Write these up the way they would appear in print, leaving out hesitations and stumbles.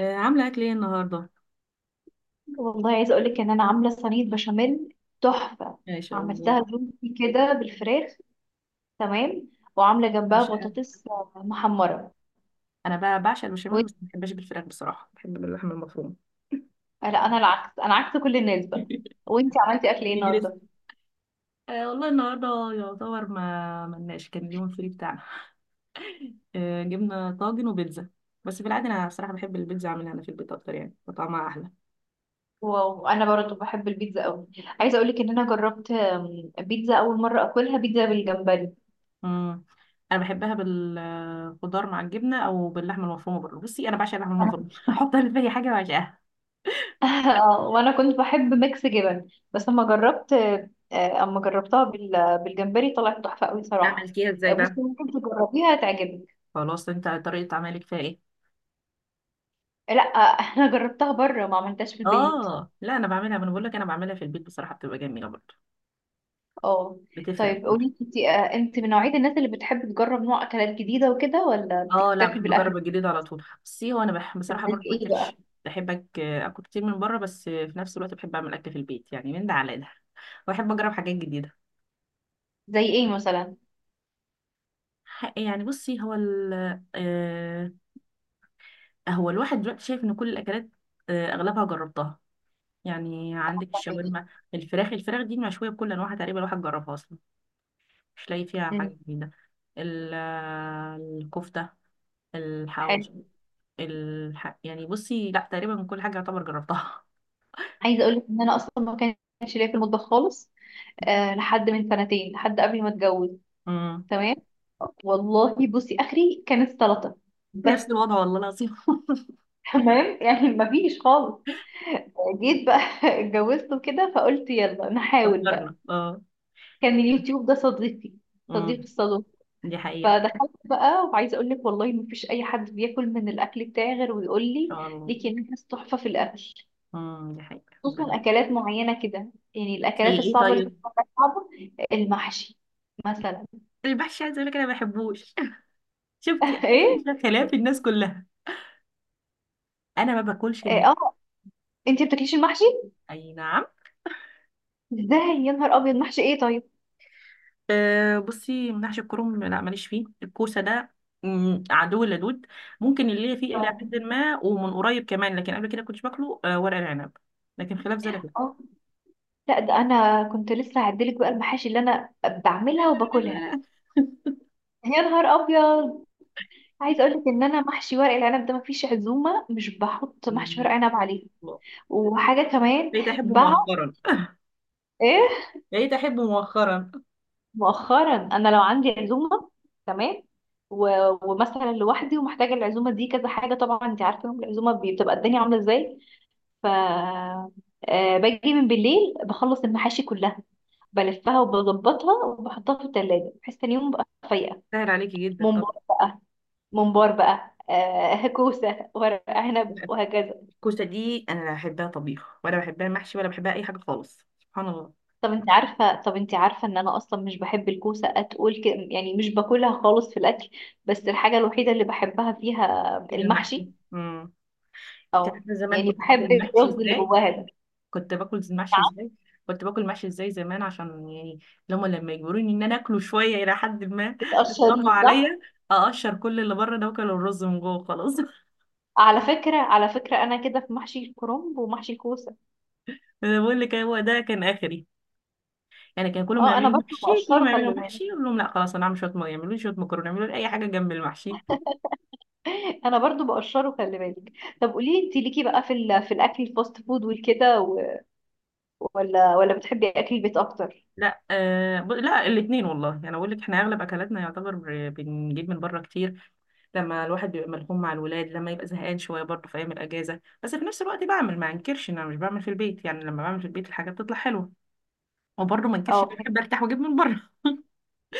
عامله اكل ايه النهارده؟ والله عايزه اقول لك ان انا عامله صينيه بشاميل تحفه. ماشي والله. عملتها جوزي كده بالفراخ. تمام. وعامله جنبها عشان بطاطس محمره. انا بقى بعشق البشاميل، وانت؟ بس ما بحبش بالفراخ، بصراحه بحب باللحمه المفرومه. لا انا العكس، انا عكس كل الناس بقى. وانت عملتي اكل ايه يجرس. النهارده؟ والله النهارده يعتبر ما ملناش، كان اليوم الفري بتاعنا. أه، جبنا طاجن وبيتزا، بس في العاده انا بصراحه بحب البيتزا اعملها انا في البيت اكتر، يعني وطعمها احلى. واو انا برضه بحب البيتزا قوي. عايزه اقول لك ان انا جربت بيتزا اول مره اكلها بيتزا بالجمبري. امم انا بحبها بالخضار مع الجبنه او باللحمه المفرومه برضه. بصي، انا بعشق اللحمه انا المفرومه احطها في اي حاجه، بعشقها. وانا كنت بحب ميكس جبن بس اما جربت اما جربتها بالجمبري طلعت تحفه قوي صراحه. عملتيها ازاي بقى؟ بصي ممكن تجربيها تعجبك. خلاص، انت طريقه عملك فيها ايه؟ لا انا جربتها بره ما عملتهاش في البيت. اه لا، انا بعملها. ما انا بقول لك انا بعملها في البيت، بصراحه بتبقى جميله برضه، اه. بتفرق طيب برضه. قولي انت، انت من نوعية الناس اللي بتحب تجرب نوع اكلات جديدة وكده، ولا اه لا، بتكتفي بحب بالاكل؟ اجرب الجديد على طول. بصي، هو انا بصراحه زي برضه ما ايه بقى؟ اكلش. بحب اكل كتير من بره، بس في نفس الوقت بحب اعمل اكل في البيت، يعني من ده على ده، واحب اجرب حاجات جديده. زي ايه مثلا؟ يعني بصي هو ال... آه هو الواحد دلوقتي شايف ان كل الاكلات، اغلبها جربتها. يعني عندك الشاورما، الفراخ، دي مشويه بكل انواعها تقريبا، الواحد جربها اصلا، مش لاقي فيها حاجه مم. جديده. ال- آه، الكفته، حلو. الحواوشي، يعني بصي لا، تقريبا كل حاجة يعتبر جربتها. عايزة اقولك ان انا اصلا ما كانش ليا في المطبخ خالص. أه، لحد من سنتين، لحد قبل ما اتجوز. امم، تمام. والله بصي اخري كانت سلطة بس. نفس الوضع والله العظيم. تمام يعني ما فيش خالص. جيت بقى اتجوزت وكده فقلت يلا نحاول بقى. فكرنا، اه. كان اليوتيوب ده صديقي، صديق امم، الصالون. دي حقيقة. ان فدخلت بقى وعايزه اقول لك والله ما فيش اي حد بياكل من الاكل بتاعي غير ويقول لي شاء الله. ليكي ناس تحفه في الاكل. امم، دي حقيقة. خصوصا ربنا-. اكلات معينه كده، يعني زي الاكلات ايه الصعبه اللي طيب؟ بتبقى صعبه. المحشي مثلا. المحشي، عايزة اقول لك انا ما بحبوش. شفتي؟ أنا ايه؟ في خلاف الناس كلها. انا ما باكلش إيه، اه، انتي بتاكليش المحشي؟ اي نعم. ازاي؟ يا نهار ابيض، محشي ايه طيب؟ أه بصي، محشي الكرنب لا، ماليش فيه. الكوسة ده مم، عدو لدود. ممكن اللي هي فيه الى اه. حد ما، ومن قريب كمان، لكن قبل كده كنتش باكله. أه ورق العنب لكن، خلاف ذلك، آه. لا ده انا كنت لسه هعدلك بقى المحاشي اللي انا لا بعملها لا وباكلها. لا لا يا نهار ابيض. لا عايزه اقول لك ان انا محشي ورق العنب ده مفيش عزومه مش بحط محشي ورق مم. عنب عليه. وحاجه كمان بقيت احبه بقى. مؤخرا. ايه؟ بقيت احبه مؤخرا. مؤخرا. انا لو عندي عزومه، تمام، و... ومثلا لوحدي ومحتاجه العزومه دي كذا حاجه، طبعا انت عارفه يوم العزومه بتبقى الدنيا عامله ازاي. ف باجي من بالليل بخلص المحاشي كلها، بلفها وبظبطها وبحطها في التلاجة بحيث تاني يوم بقى فايقة. سهل عليكي جدا طب. ممبار. ممبار بقى، آه، كوسة، ورق عنب، وهكذا. الكوسه دي انا لا بحبها طبيخ، ولا بحبها محشي، ولا بحبها اي حاجه خالص، سبحان الله. طب انت عارفة، طب انت عارفة ان انا اصلا مش بحب الكوسة، يعني مش باكلها خالص في الاكل، بس الحاجة الوحيدة اللي بحبها فيها ايه المحشي، المحشي. امم. انت او عارفه زمان يعني كنت باكل بحب المحشي الرز اللي ازاي؟ جواها ده. كنت باكل المحشي نعم. ازاي؟ كنت باكل المحشي ازاي زمان؟ عشان يعني لما يجبروني ان انا اكله شويه، الى حد ما يضغطوا بتقشريه صح؟ عليا، اقشر كل اللي بره ده واكل الرز من جوه، خلاص. على فكرة، على فكرة انا كده في محشي الكرنب ومحشي الكوسة، انا بقول لك، هو ده كان اخري. يعني كان كلهم اه انا يعملوا برضه محشي، بقشره كلهم خلي يعملوا بالك. محشي، يقول لهم لا خلاص، انا هعمل شويه يعملوا لي شويه مكرونه، يعملوا لي اي حاجه جنب المحشي. انا برضه بقشره خلي بالك. طب قولي انت ليكي بقى في في الاكل الفاست فود والكده ولا بتحبي اكل البيت اكتر؟ لا آه ب... لا، الاثنين والله، يعني اقول لك احنا اغلب اكلاتنا يعتبر بنجيب من بره كتير، لما الواحد بيبقى ملحوم مع الولاد، لما يبقى زهقان شويه برضه، في ايام الاجازه، بس في نفس الوقت بعمل، ما انكرش ان انا مش بعمل في البيت، يعني لما بعمل في البيت الحاجه بتطلع حلوه، وبرضه ما انكرش إن اه أنا بحب ارتاح واجيب من بره.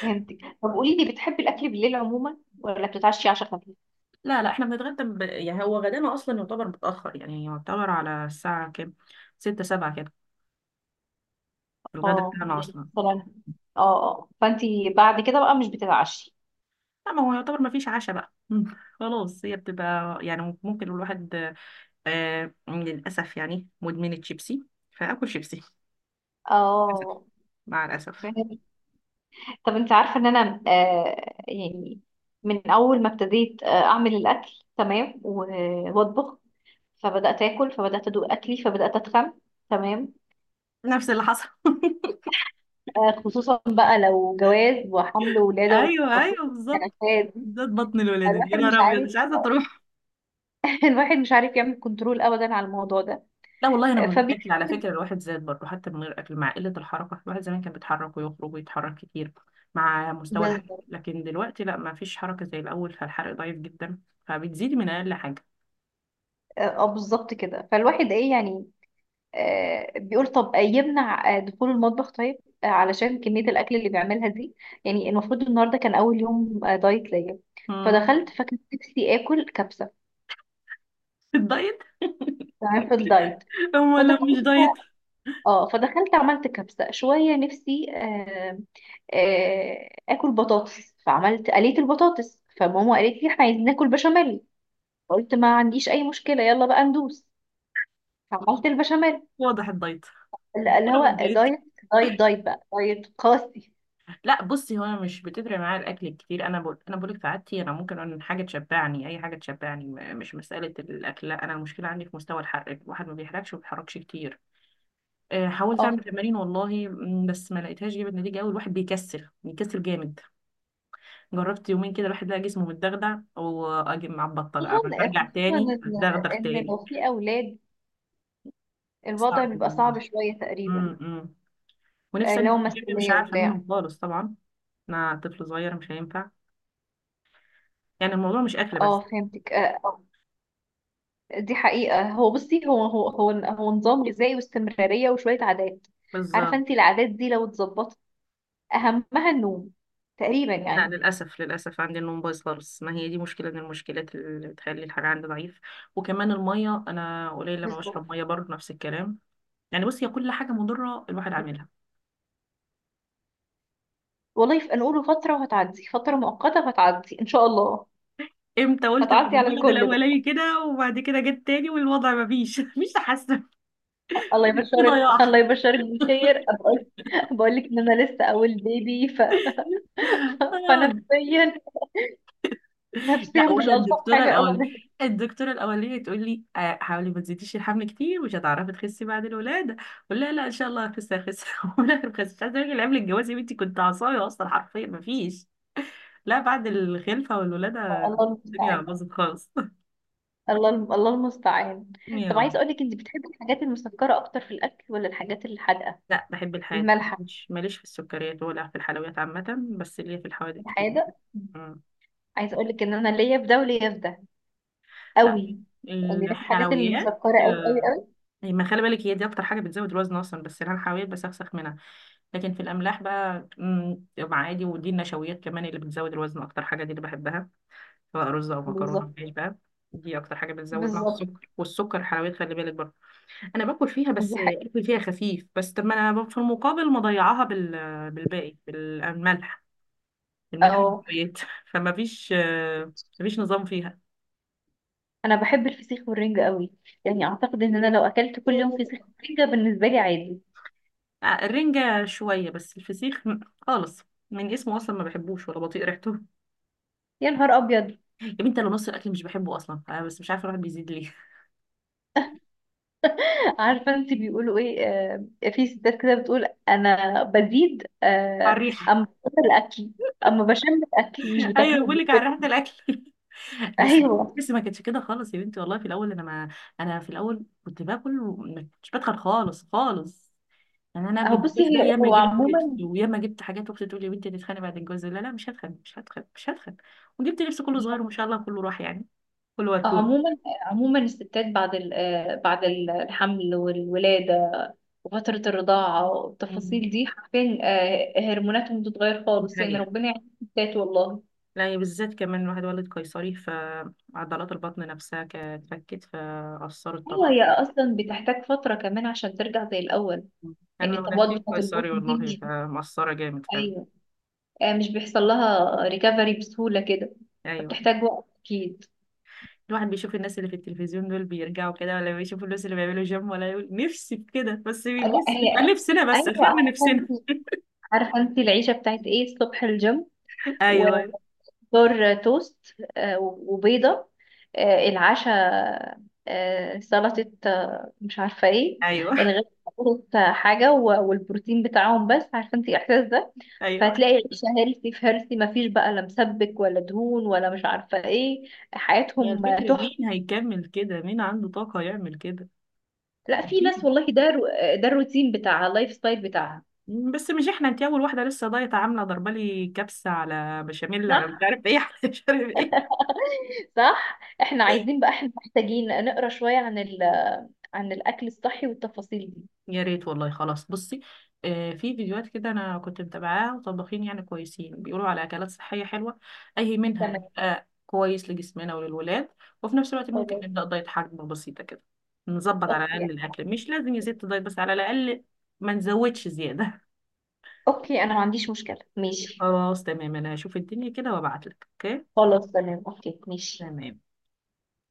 فهمتك. طب قولي لي بتحبي الاكل بالليل عموما ولا بتتعشي عشاء خفيف؟ لا، احنا بنتغدى. يعني هو غدانا اصلا يعتبر متاخر، يعني يعتبر على الساعه كام؟ ستة سبعة كده، الغدا اه بتاعنا يعني اصلا. مثلا. اه. اه فانتي بعد كده بقى مش بتتعشي. لا، ما هو يعتبر ما فيش عشاء بقى. خلاص، هي بتبقى يعني ممكن الواحد، للأسف يعني مدمن الشيبسي، فأكل شيبسي، للأسف، اه مع الأسف. فهمت. طب انت عارفه ان انا يعني من اول ما ابتديت اعمل الاكل، تمام، واطبخ، فبدات اكل، فبدات ادوق اكلي، فبدات اتخن. تمام. نفس اللي حصل. آه خصوصا بقى لو جواز وحمل وولاده ايوه وتفاصيل ايوه بالظبط. الكنكات دي. بالذات بطن الولادة دي، الواحد يا مش نهار ابيض، عارف، مش عايزه تروح. الواحد مش عارف يعمل كنترول ابدا على الموضوع ده. لا والله انا من غير فبي اكل، على فكره الواحد زاد برضه حتى من غير اكل، مع قله الحركه. الواحد زمان كان بيتحرك ويخرج ويتحرك كتير، مع مستوى الحرق، بالظبط. لكن دلوقتي لا، ما فيش حركه زي الاول، فالحرق ضعيف جدا، فبتزيدي من اقل حاجه. اه، بالظبط كده فالواحد ايه يعني. آه بيقول طب، يمنع دخول المطبخ طيب، علشان كمية الأكل اللي بيعملها دي. يعني المفروض النهاردة كان أول يوم دايت ليا. امم فدخلت فكان نفسي آكل كبسة. الدايت. تمام في الدايت. هو لو مش فدخلت. دايت. اه فدخلت عملت كبسة شوية، نفسي آه آكل بطاطس، فعملت قليت البطاطس، فماما قالت لي احنا عايزين ناكل بشاميل. فقلت ما عنديش أي مشكلة، يلا بقى ندوس. فعملت البشاميل. واضح الدايت. لا، اللي طلب هو دايت. الدايت. دايت دايت بقى، دايت قاسي. لا بصي، هو انا مش بتفرق معايا الاكل كتير. انا بقول، انا بقولك في عادتي انا ممكن أن حاجه تشبعني، اي حاجه تشبعني، مش مساله الاكل. لا، انا المشكله عندي في مستوى الحرق، الواحد ما بيحرقش وما بيتحركش كتير. حاولت اه. اعمل تمارين والله بس ما لقيتهاش جابت نتيجه قوي، الواحد بيكسل، بيكسل جامد. جربت يومين كده، الواحد لقى جسمه متدغدغ، واجي مع البطه خصوصا، بقى برجع تاني ان، اتدغدغ إن تاني. لو في اولاد الوضع صعب. بيبقى صعب شويه م- تقريبا. م. ونفسي أنزل لو الجيم، مش مسؤوليه عارفة وبتاع. منهم خالص طبعا. أنا طفل صغير مش هينفع، يعني الموضوع مش أكل اه بس. فهمتك. دي حقيقه. هو بصي هو نظام غذائي واستمراريه وشويه عادات. عارفه بالظبط. انت العادات دي لو اتظبطت اهمها النوم تقريبا لا يعني. للأسف، للأسف عندي النوم بايظ خالص، ما هي دي مشكلة من المشكلات اللي بتخلي الحاجة عندي ضعيف. وكمان المية أنا قليل لما بالظبط. بشرب مية، برضه نفس الكلام. يعني بص، هي كل حاجة مضرة الواحد عاملها. والله نقوله فتره وهتعدي، فتره مؤقته وهتعدي ان شاء الله. امتى قلت؟ بعد هتعدي على الولد الكل بقى. الأولاني كده، وبعد كده جت تاني، والوضع ما فيش مفيش تحسن. الله في يبشرك، ضياع. الله يبشرك بالخير. بقول لك ان انا لسه اول بيبي فنفسيا، لا، نفسيا مش ولا الطف الدكتوره حاجه الاولانيه، ابدا. الدكتوره الاولانيه تقول لي حاولي ما تزيديش الحمل كتير، مش هتعرفي تخسي بعد الولاده. اقول لها لا ان شاء الله هخس هخس، ولا بخس. مش عايزه اقول لك، قبل الجواز يا بنتي كنت عصايه اصلا، حرفيا ما فيش. لا، بعد الخلفه والولاده الله الدنيا المستعان. باظت خالص. الله المستعان. يا طب عايز رب. اقول لك انت بتحبي الحاجات المسكره اكتر في الاكل، ولا الحاجات الحادقه، لا بحب الحياة. المالحه، مش ماليش في السكريات ولا في الحلويات عامة، بس ليا في الحوادق كتير. الحادق؟ مم. عايز اقول لك ان انا ليا في ده وليا في ده لا، قوي. يعني ليا في الحاجات الحلويات، المسكره قوي قوي قوي. أي ما خلي بالك، هي دي اكتر حاجه بتزود الوزن اصلا، بس انا حاولت بسخسخ منها. لكن في الاملاح بقى مع عادي. ودي النشويات كمان اللي بتزود الوزن اكتر حاجه، دي اللي بحبها، سواء رز او مكرونه او بالظبط. عيش بقى. دي اكتر حاجه بتزود، مع بالظبط. السكر، والسكر حلويات خلي بالك برضه. انا باكل فيها، دي بس حاجه. اكل فيها خفيف بس. طب ما انا في المقابل مضيعاها بالباقي، بالملح، الملح والحلويات. فما فيش مفيش نظام فيها. انا بحب الفسيخ والرنجة قوي، يعني اعتقد ان انا لو اكلت كل يوم فسيخ آه، ورنجة بالنسبة لي عادي. الرنجة شوية، بس الفسيخ خالص، من اسمه أصلا ما بحبوش ولا بطيق ريحته. يا نهار ابيض. يا بنتي انا نص الاكل مش بحبه اصلا أنا، بس مش عارفه الواحد بيزيد ليه. عارفة انت بيقولوا ايه، في ستات كده بتقول انا بزيد على اما الريحه. بكتر الاكل، اما بشم الاكل مش بتاكله ايوه بقول لك على ريحه بتشم. الاكل. بس. ايوه. بس ما كانتش كده خالص يا بنتي والله في الاول، انا ما انا في الاول كنت باكل، وما كنتش بدخل خالص خالص. يعني انا قبل اهو بصي الجواز ده، هي ياما هو جبت لبس، عموما. وياما جبت حاجات، واختي تقول لي يا بنتي هتتخانقي بعد الجواز، لا، مش هتخانق، مش هتخانق، مش هتخانق. وجبت لبس كله صغير، وما شاء الله كله راح، يعني كله وركون. عموما عموما الستات بعد بعد الحمل والولاده وفتره الرضاعه مم. والتفاصيل دي حرفيا، هرموناتهم بتتغير دي خالص. يعني حقيقة. ربنا يعين الستات والله. لا يعني بالذات كمان الواحد ولد قيصري، فعضلات البطن نفسها كانت اتفكت فأثرت ايوه طبعا. هي اصلا بتحتاج فتره كمان عشان ترجع زي الاول. انا يعني لما الطبقات بتاعه جبتك البطن سوري دي والله، مش، فمقصره جامد فعلا. ايوه مش بيحصل لها ريكفري بسهوله كده، ايوه، فبتحتاج وقت اكيد. الواحد بيشوف الناس اللي في التلفزيون دول بيرجعوا كده، ولا بيشوف الناس اللي بيعملوا جيم، ولا يقول نفسي في كده، بس لا بيبص هي. بيبقى نفسنا بس، ايوه. خيرنا عارفه نفسنا. انت، عارفه انت العيشه بتاعت ايه؟ الصبح الجيم ايوه و- ايوه فطار توست وبيضة، العشاء سلطة مش عارفة ايه. ايوه الغدا سلطة حاجة والبروتين بتاعهم. بس عارفة انت الإحساس ده، ايوه. فهتلاقي العشاء هيلثي في هيلثي، مفيش بقى لا مسبك ولا دهون ولا مش عارفة ايه. هي حياتهم الفكره تحفة. مين هيكمل كده، مين عنده طاقه يعمل كده؟ لا في ناس أكيد. والله ده ده الروتين بتاعها، اللايف ستايل بتاعها. بس مش احنا، انت اول واحده لسه دايت، عامله ضربه لي كبسه على بشاميل، على مش صح. عارف ايه على مش عارف ايه. صح احنا عايزين بقى، احنا محتاجين نقرا شوية عن عن الأكل الصحي والتفاصيل دي. يا ريت والله، خلاص بصي، في فيديوهات كده انا كنت متابعاها، وطباخين يعني كويسين بيقولوا على اكلات صحيه حلوه، اي منها تمام كويس لجسمنا وللولاد. وفي نفس الوقت ممكن خلاص. نبدا دايت حجم بسيطه كده، نظبط على اوكي. الاقل الاكل، مش لازم يا ست دايت، بس على الاقل ما نزودش زياده. اوكي انا ما عنديش مشكلة، ماشي. خلاص تمام، انا هشوف الدنيا كده وابعت لك، اوكي؟ خلاص تمام اوكي ماشي. تمام.